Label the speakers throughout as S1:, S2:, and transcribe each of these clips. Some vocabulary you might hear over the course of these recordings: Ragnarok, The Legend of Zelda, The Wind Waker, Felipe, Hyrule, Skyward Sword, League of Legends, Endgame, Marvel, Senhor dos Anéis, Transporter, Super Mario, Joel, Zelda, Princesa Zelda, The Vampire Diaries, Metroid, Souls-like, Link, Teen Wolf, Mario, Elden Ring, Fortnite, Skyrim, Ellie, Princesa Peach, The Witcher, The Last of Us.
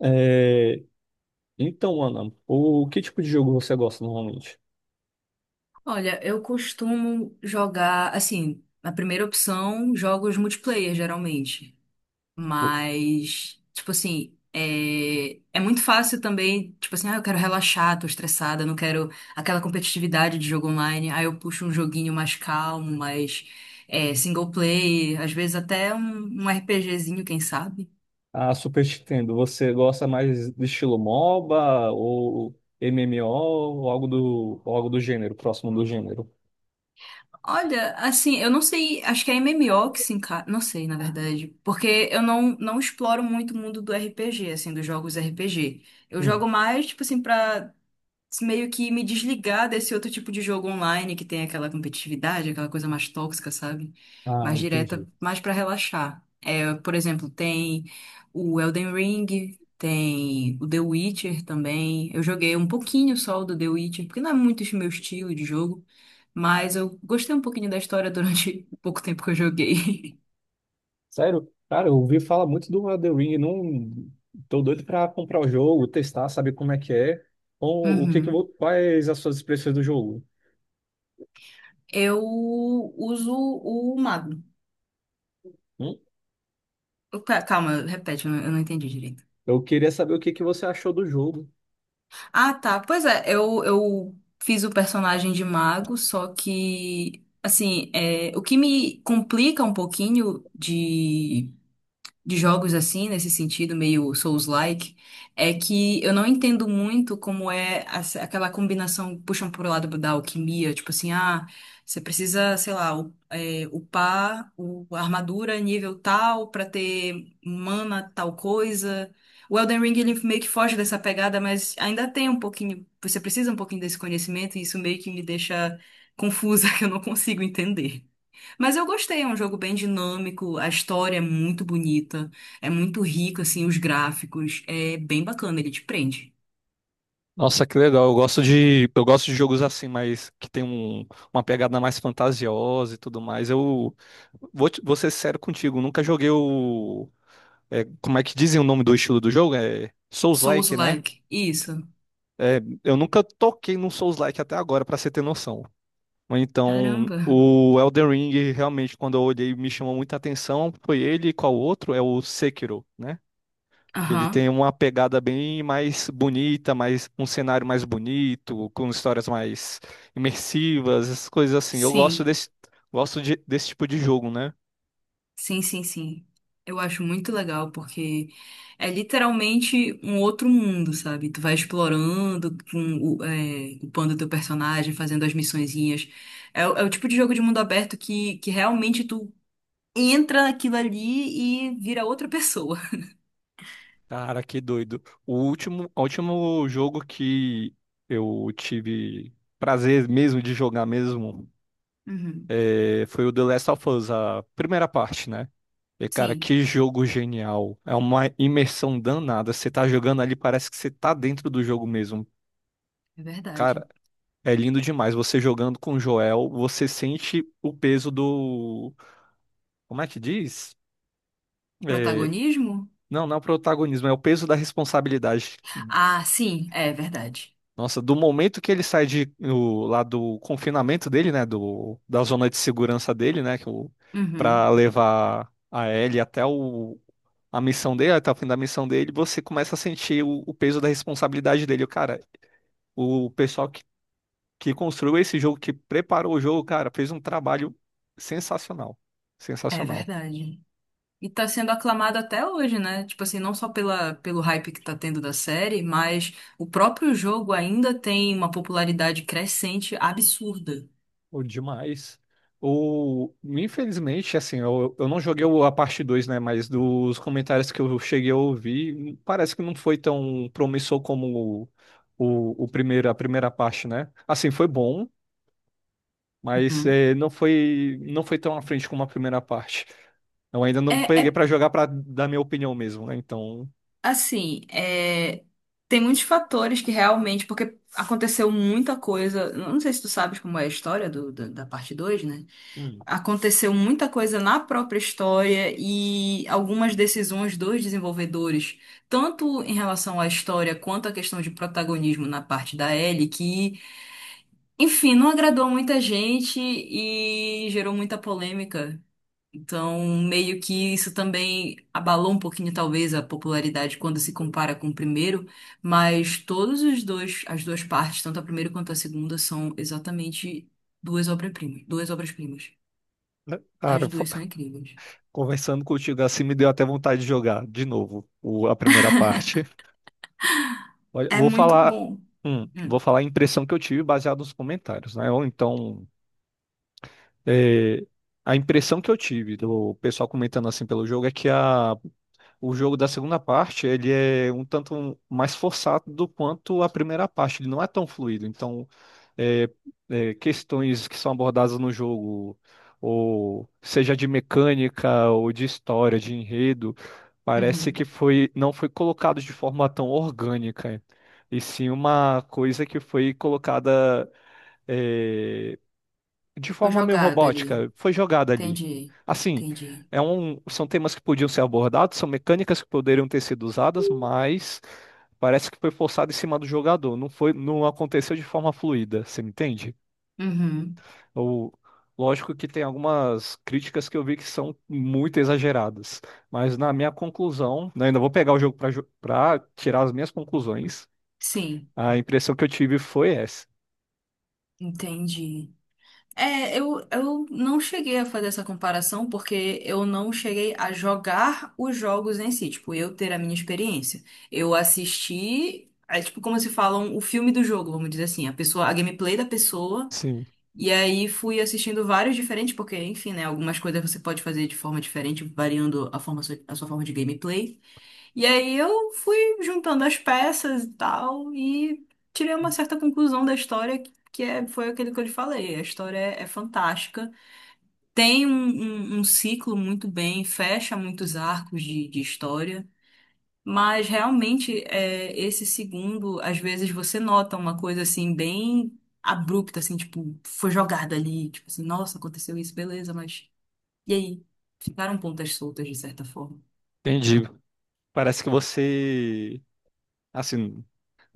S1: É, então, Ana, o que tipo de jogo você gosta normalmente?
S2: Olha, eu costumo jogar, assim, na primeira opção, jogos multiplayer, geralmente.
S1: O-
S2: Mas, tipo assim, é muito fácil também, tipo assim, ah, eu quero relaxar, tô estressada, não quero aquela competitividade de jogo online. Aí eu puxo um joguinho mais calmo, mais single player, às vezes até um RPGzinho, quem sabe.
S1: A Super Nintendo, você gosta mais de estilo MOBA ou MMO ou ou algo do gênero, próximo do gênero?
S2: Olha, assim, eu não sei, acho que é MMO que se encaixa, não sei, na verdade, porque eu não exploro muito o mundo do RPG, assim, dos jogos RPG. Eu
S1: Hum.
S2: jogo mais, tipo assim, pra meio que me desligar desse outro tipo de jogo online que tem aquela competitividade, aquela coisa mais tóxica, sabe? Mais
S1: Entendi.
S2: direta, mais pra relaxar. É, por exemplo, tem o Elden Ring, tem o The Witcher também. Eu joguei um pouquinho só o do The Witcher, porque não é muito o meu estilo de jogo, mas eu gostei um pouquinho da história durante o pouco tempo que eu joguei.
S1: Sério? Cara, eu ouvi falar muito do Elden Ring, não tô doido pra comprar o jogo, testar, saber como é que é, ou o que que,
S2: Uhum.
S1: vo- quais as suas expressões do jogo?
S2: Eu uso o mago.
S1: Hum?
S2: Calma, repete, eu não entendi direito.
S1: Eu queria saber o que que você achou do jogo.
S2: Ah, tá. Pois é, eu fiz o personagem de mago, só que, assim, é, o que me complica um pouquinho de jogos assim, nesse sentido, meio Souls-like, é que eu não entendo muito como é aquela combinação, puxam pro lado da alquimia, tipo assim, ah, você precisa, sei lá, upar a armadura nível tal pra ter mana tal coisa. O Elden Ring, ele meio que foge dessa pegada, mas ainda tem um pouquinho, você precisa um pouquinho desse conhecimento, e isso meio que me deixa confusa, que eu não consigo entender. Mas eu gostei, é um jogo bem dinâmico, a história é muito bonita, é muito rica, assim, os gráficos, é bem bacana, ele te prende.
S1: Nossa, que legal. Eu gosto de jogos assim, mas que tem uma pegada mais fantasiosa e tudo mais. Eu vou ser sério contigo, nunca joguei o. Como é que dizem o nome do estilo do jogo? É Souls-like, né?
S2: Souls-like, isso.
S1: É, eu nunca toquei num Souls-like até agora, pra você ter noção. Mas então,
S2: Caramba.
S1: o Elden Ring, realmente, quando eu olhei, me chamou muita atenção. Foi ele e qual outro? É o Sekiro, né? Que ele tem
S2: Aham.
S1: uma pegada bem mais bonita, mais um cenário mais bonito, com histórias mais imersivas, essas coisas assim. Eu gosto
S2: Sim,
S1: desse, gosto de- desse tipo de jogo, né?
S2: sim, sim, sim. Eu acho muito legal porque é literalmente um outro mundo, sabe? Tu vai explorando, upando teu personagem, fazendo as missõezinhas. É, é o tipo de jogo de mundo aberto que realmente tu entra naquilo ali e vira outra pessoa.
S1: Cara, que doido. O último jogo que eu tive prazer mesmo de jogar mesmo
S2: Uhum.
S1: foi o The Last of Us, a primeira parte, né? E, cara,
S2: Sim,
S1: que jogo genial. É uma imersão danada. Você tá jogando ali, parece que você tá dentro do jogo mesmo.
S2: é verdade.
S1: Cara, é lindo demais. Você jogando com o Joel, você sente o peso do. Como é que diz? É,
S2: Protagonismo?
S1: não, não é o protagonismo, é o peso da responsabilidade.
S2: Ah, sim, é verdade.
S1: Nossa, do momento que ele sai de, lá do confinamento dele, né? Da zona de segurança dele, né? Pra
S2: Uhum.
S1: levar a Ellie a missão dele, até o fim da missão dele, você começa a sentir o peso da responsabilidade dele. Cara, o pessoal que construiu esse jogo, que preparou o jogo, cara, fez um trabalho sensacional.
S2: É
S1: Sensacional.
S2: verdade. E tá sendo aclamado até hoje, né? Tipo assim, não só pelo hype que tá tendo da série, mas o próprio jogo ainda tem uma popularidade crescente absurda.
S1: O Demais. Infelizmente, assim, eu não joguei a parte 2, né? Mas dos comentários que eu cheguei a ouvir, parece que não foi tão promissor como o primeiro, a primeira parte, né? Assim, foi bom, mas
S2: Uhum.
S1: não foi, tão à frente como a primeira parte. Eu ainda
S2: É,
S1: não peguei
S2: é
S1: pra jogar pra dar minha opinião mesmo, né? Então,
S2: assim, tem muitos fatores que realmente, porque aconteceu muita coisa. Não sei se tu sabes como é a história da parte dois, né?
S1: hum.
S2: Aconteceu muita coisa na própria história e algumas decisões dos desenvolvedores, tanto em relação à história quanto à questão de protagonismo na parte da Ellie, que, enfim, não agradou muita gente e gerou muita polêmica. Então, meio que isso também abalou um pouquinho, talvez, a popularidade quando se compara com o primeiro, mas todos os dois, as duas partes, tanto a primeira quanto a segunda, são exatamente duas obras-primas, duas obras-primas. As
S1: Cara,
S2: duas são incríveis.
S1: conversando contigo assim, me deu até vontade de jogar de novo a primeira parte. Olha,
S2: É muito bom.
S1: Vou
S2: Hum.
S1: falar a impressão que eu tive baseado nos comentários, né? Ou então, é, a impressão que eu tive do pessoal comentando assim pelo jogo é que a o jogo da segunda parte, ele é um tanto mais forçado do quanto a primeira parte. Ele não é tão fluido. Então, é, questões que são abordadas no jogo, ou seja de mecânica, ou de história, de enredo, parece
S2: Uhum.
S1: que foi, não foi colocado de forma tão orgânica. E sim uma coisa que foi colocada, é, de
S2: Foi
S1: forma meio
S2: jogado ali.
S1: robótica, foi jogada ali.
S2: Entendi.
S1: Assim,
S2: Entendi.
S1: são temas que podiam ser abordados, são mecânicas que poderiam ter sido usadas, mas parece que foi forçado em cima do jogador. Não foi, não aconteceu de forma fluida, você me entende?
S2: Uhum.
S1: Ou, lógico que tem algumas críticas que eu vi que são muito exageradas, mas na minha conclusão, né, ainda vou pegar o jogo para tirar as minhas conclusões.
S2: Sim,
S1: A impressão que eu tive foi essa.
S2: entendi. É, eu não cheguei a fazer essa comparação porque eu não cheguei a jogar os jogos em si, tipo, eu ter a minha experiência. Eu assisti, é tipo como se falam o filme do jogo, vamos dizer assim, a pessoa, a gameplay da pessoa.
S1: Sim,
S2: E aí fui assistindo vários diferentes, porque, enfim, né? Algumas coisas você pode fazer de forma diferente, variando a forma, a sua forma de gameplay. E aí eu fui juntando as peças e tal, e tirei uma certa conclusão da história, que é, foi aquilo que eu lhe falei. A história é fantástica. Tem um, um ciclo muito bem, fecha muitos arcos de história. Mas realmente, esse segundo, às vezes você nota uma coisa assim, bem abrupta, assim, tipo, foi jogada ali, tipo assim, nossa, aconteceu isso, beleza, mas e aí? Ficaram pontas soltas de certa forma.
S1: entendi. Parece que você, assim,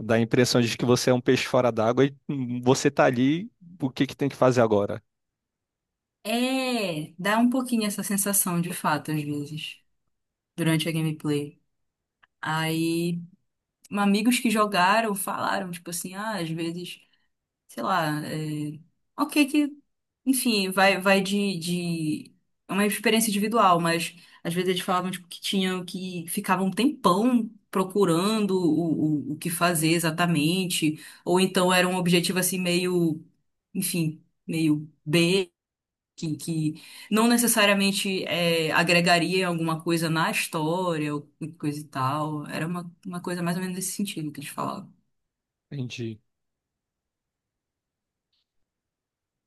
S1: dá a impressão de que você é um peixe fora d'água e você tá ali, o que que tem que fazer agora?
S2: É, dá um pouquinho essa sensação de fato, às vezes, durante a gameplay. Aí, amigos que jogaram falaram, tipo assim, ah, às vezes, sei lá, ok que enfim, vai de, de. É uma experiência individual, mas às vezes eles falavam tipo, que tinham que ficavam um tempão procurando o que fazer exatamente, ou então era um objetivo assim meio, enfim, meio B, que não necessariamente agregaria alguma coisa na história ou coisa e tal. Era uma coisa mais ou menos nesse sentido que eles falavam.
S1: Entendi.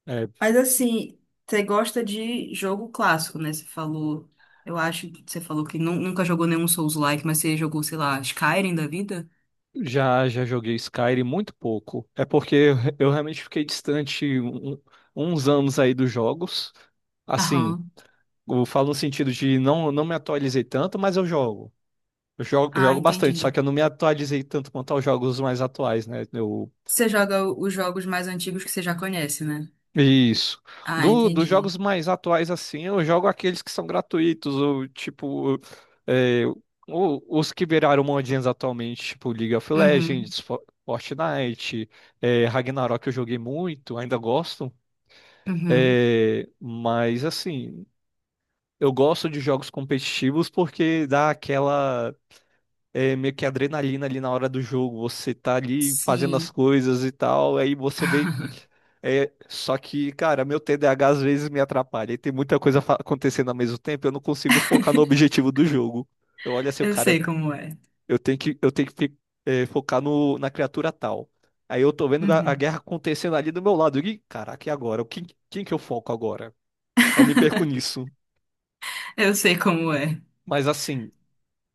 S1: É,
S2: Mas assim, você gosta de jogo clássico, né? Você falou, eu acho que você falou que nunca jogou nenhum Souls-like, mas você jogou, sei lá, Skyrim da vida?
S1: já já joguei Skyrim muito pouco. É porque eu realmente fiquei distante uns anos aí dos jogos. Assim,
S2: Aham.
S1: eu falo no sentido de não me atualizei tanto, mas eu jogo. Eu jogo,
S2: Ah,
S1: jogo bastante, só
S2: entendi.
S1: que eu não me atualizei tanto quanto aos jogos mais atuais, né? Eu
S2: Você joga os jogos mais antigos que você já conhece, né?
S1: Isso.
S2: Ah,
S1: Dos
S2: entendi.
S1: jogos mais atuais, assim, eu jogo aqueles que são gratuitos, ou tipo, é, os que viraram modinhas atualmente, tipo League of
S2: Uhum,
S1: Legends, Fortnite, Ragnarok eu joguei muito, ainda gosto,
S2: uhum.
S1: mas assim, eu gosto de jogos competitivos porque dá aquela meio que adrenalina ali na hora do jogo. Você tá ali fazendo as
S2: Sim.
S1: coisas e tal, aí você vem. É, só que, cara, meu TDAH às vezes me atrapalha e tem muita coisa acontecendo ao mesmo tempo, eu não consigo focar no objetivo do jogo. Eu olho assim,
S2: Eu
S1: cara,
S2: sei como é.
S1: eu tenho que focar no, na criatura tal. Aí eu tô vendo a
S2: Uhum.
S1: guerra acontecendo ali do meu lado. E, caraca, e agora? Quem que eu foco agora? Eu me perco nisso.
S2: Eu sei como é.
S1: Mas assim.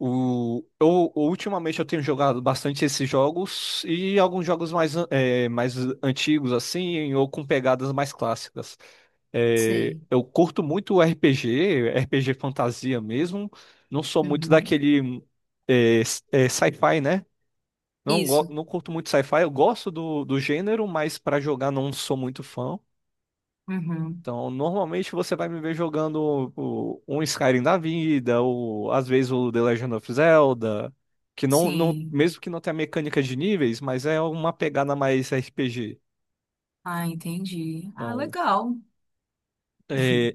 S1: Ultimamente eu tenho jogado bastante esses jogos e alguns jogos mais, mais antigos, assim, ou com pegadas mais clássicas. É,
S2: Sei.
S1: eu curto muito o RPG, RPG fantasia mesmo. Não sou muito
S2: Uhum.
S1: daquele, sci-fi, né? Não,
S2: Isso.
S1: não curto muito sci-fi, eu gosto do gênero, mas para jogar não sou muito fã.
S2: Uhum.
S1: Então, normalmente você vai me ver jogando um Skyrim da vida, ou às vezes o The Legend of Zelda, que não,
S2: Sim.
S1: mesmo que não tenha mecânica de níveis, mas é uma pegada mais RPG.
S2: Ah, entendi. Ah,
S1: Então,
S2: legal.
S1: é,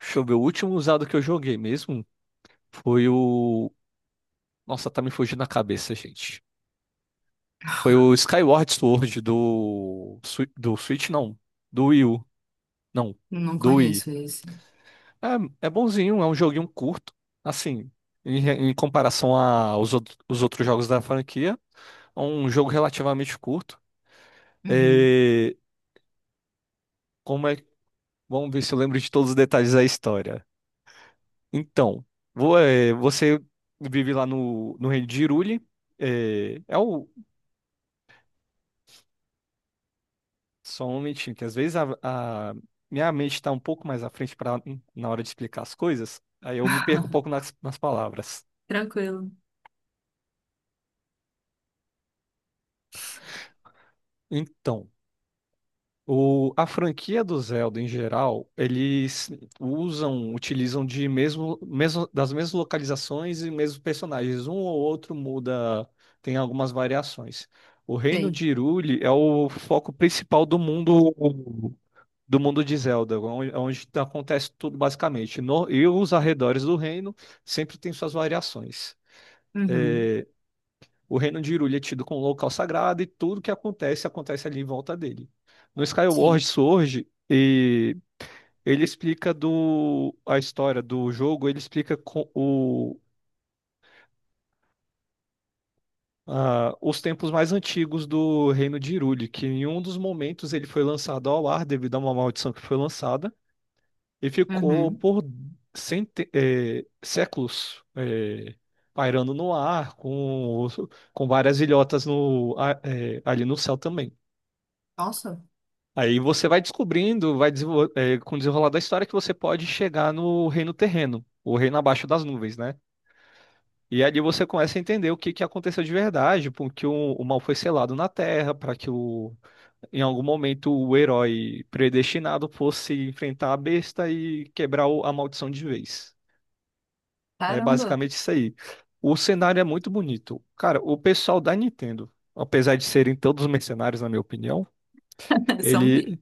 S1: deixa eu ver, o último usado que eu joguei mesmo foi o. Nossa, tá me fugindo a cabeça, gente. Foi o Skyward Sword do. Do Switch, não. Do Wii U. Não.
S2: Não
S1: Do Wii.
S2: conheço esse.
S1: É bonzinho, é um joguinho curto, assim, em comparação aos outros, os outros jogos da franquia, é um jogo relativamente curto.
S2: Uhum.
S1: É, como é, vamos ver se eu lembro de todos os detalhes da história. Então, você vive lá no reino de Hyrule, é, é o, só um momentinho, que às vezes a minha mente está um pouco mais à frente pra, na hora de explicar as coisas, aí eu me perco um pouco nas palavras.
S2: Tranquilo.
S1: Então, a franquia do Zelda em geral, eles usam, utilizam de mesmo das mesmas localizações e mesmos personagens. Um ou outro muda, tem algumas variações. O Reino
S2: Sei.
S1: de Hyrule é o foco principal do mundo de Zelda, onde acontece tudo basicamente. E os arredores do reino sempre tem suas variações.
S2: Uhum.
S1: É, o reino de Hyrule é tido como um local sagrado e tudo que acontece, acontece ali em volta dele. No Skyward
S2: Sim.
S1: Sword, ele explica a história do jogo, ele explica os tempos mais antigos do reino de Hyrule, que em um dos momentos ele foi lançado ao ar devido a uma maldição que foi lançada e ficou
S2: Uhum.
S1: por séculos pairando no ar com várias ilhotas ali no céu também.
S2: Nossa,
S1: Aí você vai descobrindo, com o desenrolar da história, que você pode chegar no reino terreno, o reino abaixo das nuvens, né? E ali você começa a entender o que que aconteceu de verdade, porque o mal foi selado na Terra, para que em algum momento o herói predestinado fosse enfrentar a besta e quebrar a maldição de vez. É
S2: caramba.
S1: basicamente isso aí. O cenário é muito bonito. Cara, o pessoal da Nintendo, apesar de serem todos mercenários, na minha opinião,
S2: São mesmo.
S1: ele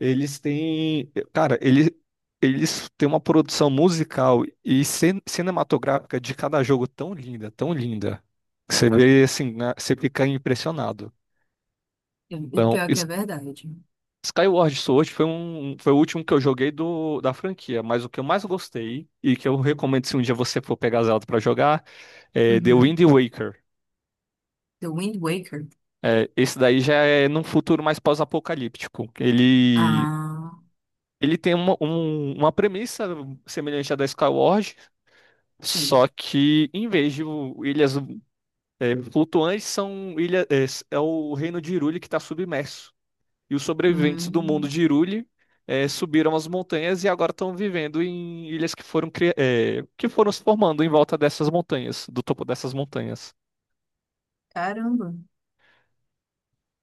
S1: Eles têm, cara, eles têm uma produção musical e cinematográfica de cada jogo tão linda, tão linda. Que Você vê assim, né, você fica impressionado.
S2: E
S1: Então,
S2: pior que é verdade.
S1: Skyward Sword foi foi o último que eu joguei da franquia, mas o que eu mais gostei e que eu recomendo se um dia você for pegar Zelda pra jogar é The Wind
S2: Uhum.
S1: Waker.
S2: The Wind Waker.
S1: É, esse daí já é num futuro mais pós-apocalíptico.
S2: Ah,
S1: Ele tem uma premissa semelhante à da Skyward.
S2: sim.
S1: Só que, em vez de ilhas flutuantes, são ilha, é, s- é o reino de Hyrule que está submerso. E os sobreviventes do mundo
S2: Hum,
S1: de Hyrule subiram as montanhas e agora estão vivendo em ilhas que foram, que foram se formando em volta dessas montanhas, do topo dessas montanhas.
S2: caramba.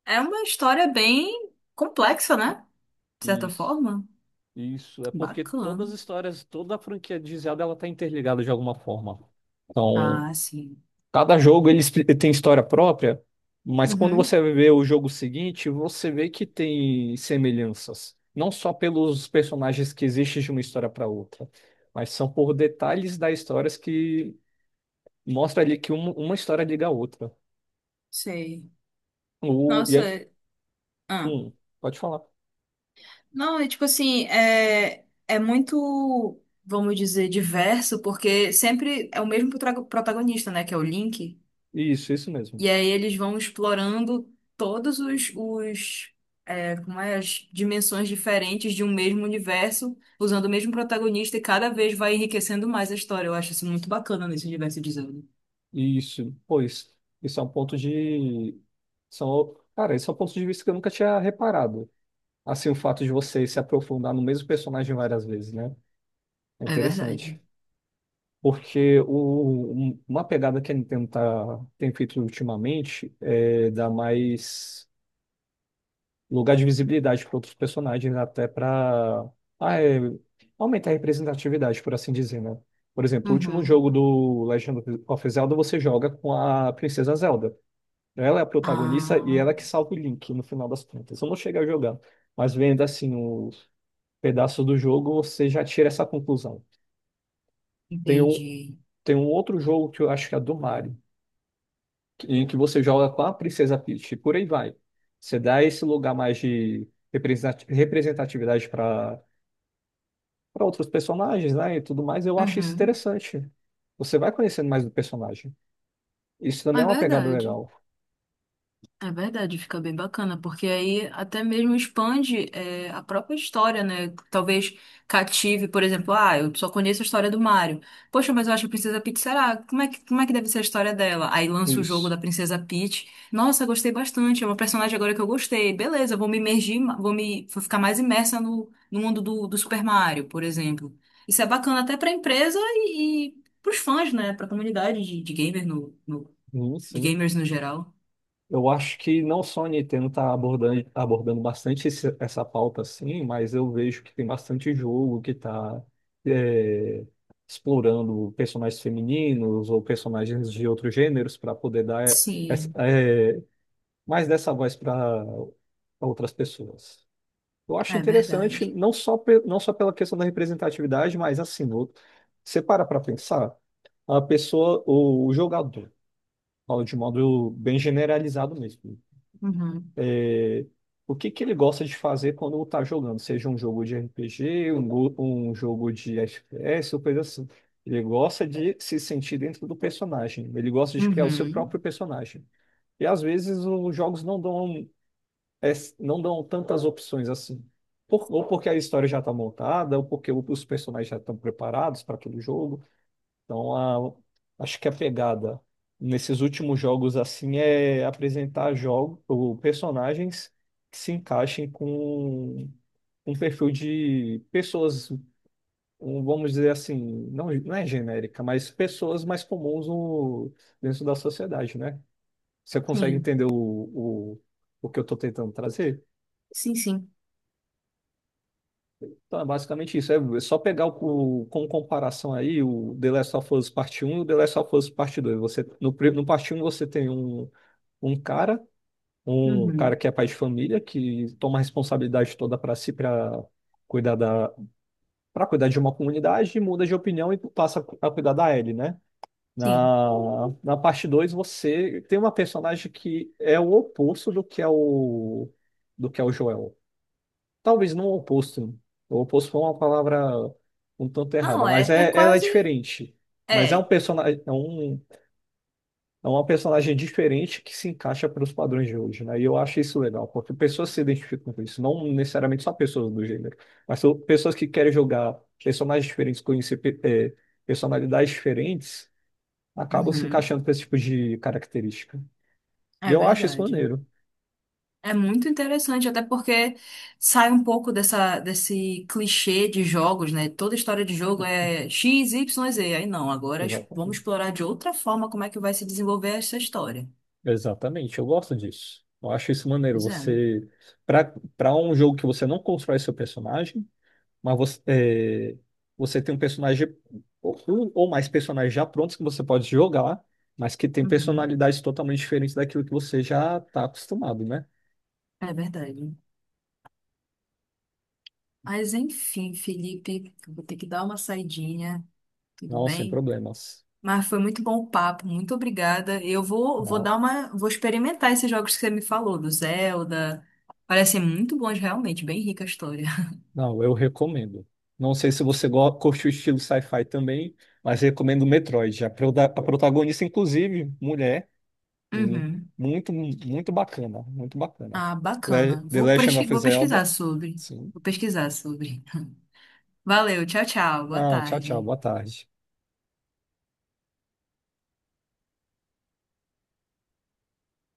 S2: É uma história bem complexa, né? De certa
S1: Isso,
S2: forma.
S1: isso. É porque
S2: Bacana.
S1: todas as histórias, toda a franquia de Zelda, ela tá interligada de alguma forma. Então,
S2: Ah, sim.
S1: cada jogo ele tem história própria, mas quando
S2: Uhum.
S1: você vê o jogo seguinte, você vê que tem semelhanças. Não só pelos personagens que existem de uma história para outra, mas são por detalhes das histórias que mostra ali que uma história liga a outra.
S2: Sei.
S1: E
S2: Nossa,
S1: aí,
S2: ah.
S1: hum, pode falar.
S2: Não, é tipo assim, é muito, vamos dizer, diverso, porque sempre é o mesmo protagonista, né, que é o Link,
S1: Isso mesmo.
S2: e aí eles vão explorando todos os como é, as dimensões diferentes de um mesmo universo, usando o mesmo protagonista, e cada vez vai enriquecendo mais a história. Eu acho isso muito bacana nesse universo de Zelda.
S1: Isso, pois, isso é um ponto de. São, cara, isso é um ponto de vista que eu nunca tinha reparado. Assim, o fato de você se aprofundar no mesmo personagem várias vezes, né? É
S2: É verdade.
S1: interessante. Porque uma pegada que a Nintendo tem feito ultimamente é dar mais lugar de visibilidade para outros personagens, até para aumentar a representatividade, por assim dizer, né? Por exemplo, o último
S2: Uhum.
S1: jogo do Legend of Zelda você joga com a Princesa Zelda. Ela é a protagonista e ela é
S2: Ah,
S1: que salva o Link no final das contas. Eu não cheguei a jogar, mas vendo assim os pedaços do jogo, você já tira essa conclusão. Tem um,
S2: entendi.
S1: Tem um outro jogo que eu acho que é do Mario, em que você joga com a Princesa Peach, e por aí vai. Você dá esse lugar mais de representatividade para outros personagens, né, e tudo mais, eu acho isso
S2: Uhum.
S1: interessante. Você vai conhecendo mais do personagem. Isso também
S2: É
S1: é uma pegada
S2: verdade.
S1: legal.
S2: É verdade, fica bem bacana, porque aí até mesmo expande a própria história, né? Talvez cative, por exemplo, ah, eu só conheço a história do Mario. Poxa, mas eu acho que a Princesa Peach, será? Como é que deve ser a história dela? Aí lança o jogo
S1: Isso.
S2: da Princesa Peach. Nossa, gostei bastante, é uma personagem agora que eu gostei. Beleza, vou me imergir, vou ficar mais imersa no mundo do Super Mario, por exemplo. Isso é bacana até pra empresa e pros fãs, né? Pra comunidade de gamer
S1: Sim,
S2: de
S1: sim.
S2: gamers no geral.
S1: Eu acho que não só a Nintendo está abordando bastante essa pauta, assim, mas eu vejo que tem bastante jogo que está explorando personagens femininos ou personagens de outros gêneros para poder dar essa-
S2: Sim.
S1: é, mais dessa voz para outras pessoas. Eu acho
S2: É verdade.
S1: interessante, não só, não só pela questão da representatividade, mas assim, você para pensar, a pessoa, o jogador, falo de modo bem generalizado mesmo.
S2: Uhum.
S1: O que que ele gosta de fazer quando tá jogando, seja um jogo de RPG, um jogo de FPS, ou coisa assim. Ele gosta de se sentir dentro do personagem, ele gosta de criar o seu
S2: Uhum.
S1: próprio personagem. E às vezes os jogos não é, não dão tantas opções assim. Ou porque a história já está montada, ou porque os personagens já estão preparados para aquele jogo. Então, acho que a pegada nesses últimos jogos assim é apresentar jogos ou personagens que se encaixem com um perfil de pessoas, um, vamos dizer assim, não é genérica, mas pessoas mais comuns dentro da sociedade, né? Você consegue
S2: Sim.
S1: entender o que eu estou tentando trazer?
S2: Sim, sim.
S1: Então, é basicamente isso. É só pegar com comparação aí o The Last of Us Parte Um, e o The Last of Us Parte Dois. Você, no, pri- No Parte Um você tem um cara, um cara
S2: Uhum.
S1: que é pai de família, que toma a responsabilidade toda para si, para cuidar para cuidar de uma comunidade, e muda de opinião e passa a cuidar da Ellie, né?
S2: Sim.
S1: Na, Na parte 2 você tem uma personagem que é o oposto do que é o Joel. Talvez não o oposto. O oposto foi uma palavra um tanto errada,
S2: Não,
S1: mas
S2: é
S1: é, ela é
S2: quase.
S1: diferente. Mas é
S2: É.
S1: é uma personagem diferente que se encaixa para os padrões de hoje, né? E eu acho isso legal, porque pessoas se identificam com isso, não necessariamente só pessoas do gênero, mas são pessoas que querem jogar personagens diferentes, conhecer personalidades diferentes, acabam se
S2: Uhum.
S1: encaixando para esse tipo de característica. E
S2: É
S1: eu acho isso
S2: verdade.
S1: maneiro.
S2: É muito interessante, até porque sai um pouco desse clichê de jogos, né? Toda história de jogo é X, Y, Z. Aí não, agora vamos
S1: Exatamente.
S2: explorar de outra forma como é que vai se desenvolver essa história.
S1: Exatamente, eu gosto disso. Eu acho isso maneiro.
S2: Pois é.
S1: Você, para um jogo que você não constrói seu personagem, mas você, é, você tem um personagem um ou mais personagens já prontos que você pode jogar, mas que tem
S2: Uhum.
S1: personalidades totalmente diferentes daquilo que você já está acostumado, né?
S2: É verdade. Mas enfim, Felipe, eu vou ter que dar uma saidinha. Tudo
S1: Não, sem
S2: bem?
S1: problemas.
S2: Mas foi muito bom o papo, muito obrigada. Eu
S1: Não,
S2: vou experimentar esses jogos que você me falou, do Zelda. Parecem muito bons realmente, bem rica a história.
S1: não, eu recomendo. Não sei se você curte o estilo sci-fi também, mas recomendo Metroid. A, a protagonista, inclusive, mulher.
S2: Uhum.
S1: Muito, muito bacana, muito bacana.
S2: Ah, bacana.
S1: The
S2: Vou,
S1: Legend
S2: pesqui-
S1: of
S2: vou
S1: Zelda.
S2: pesquisar sobre.
S1: Sim.
S2: Vou pesquisar sobre. Valeu, tchau, tchau. Boa
S1: Não, tchau, tchau.
S2: tarde.
S1: Boa tarde.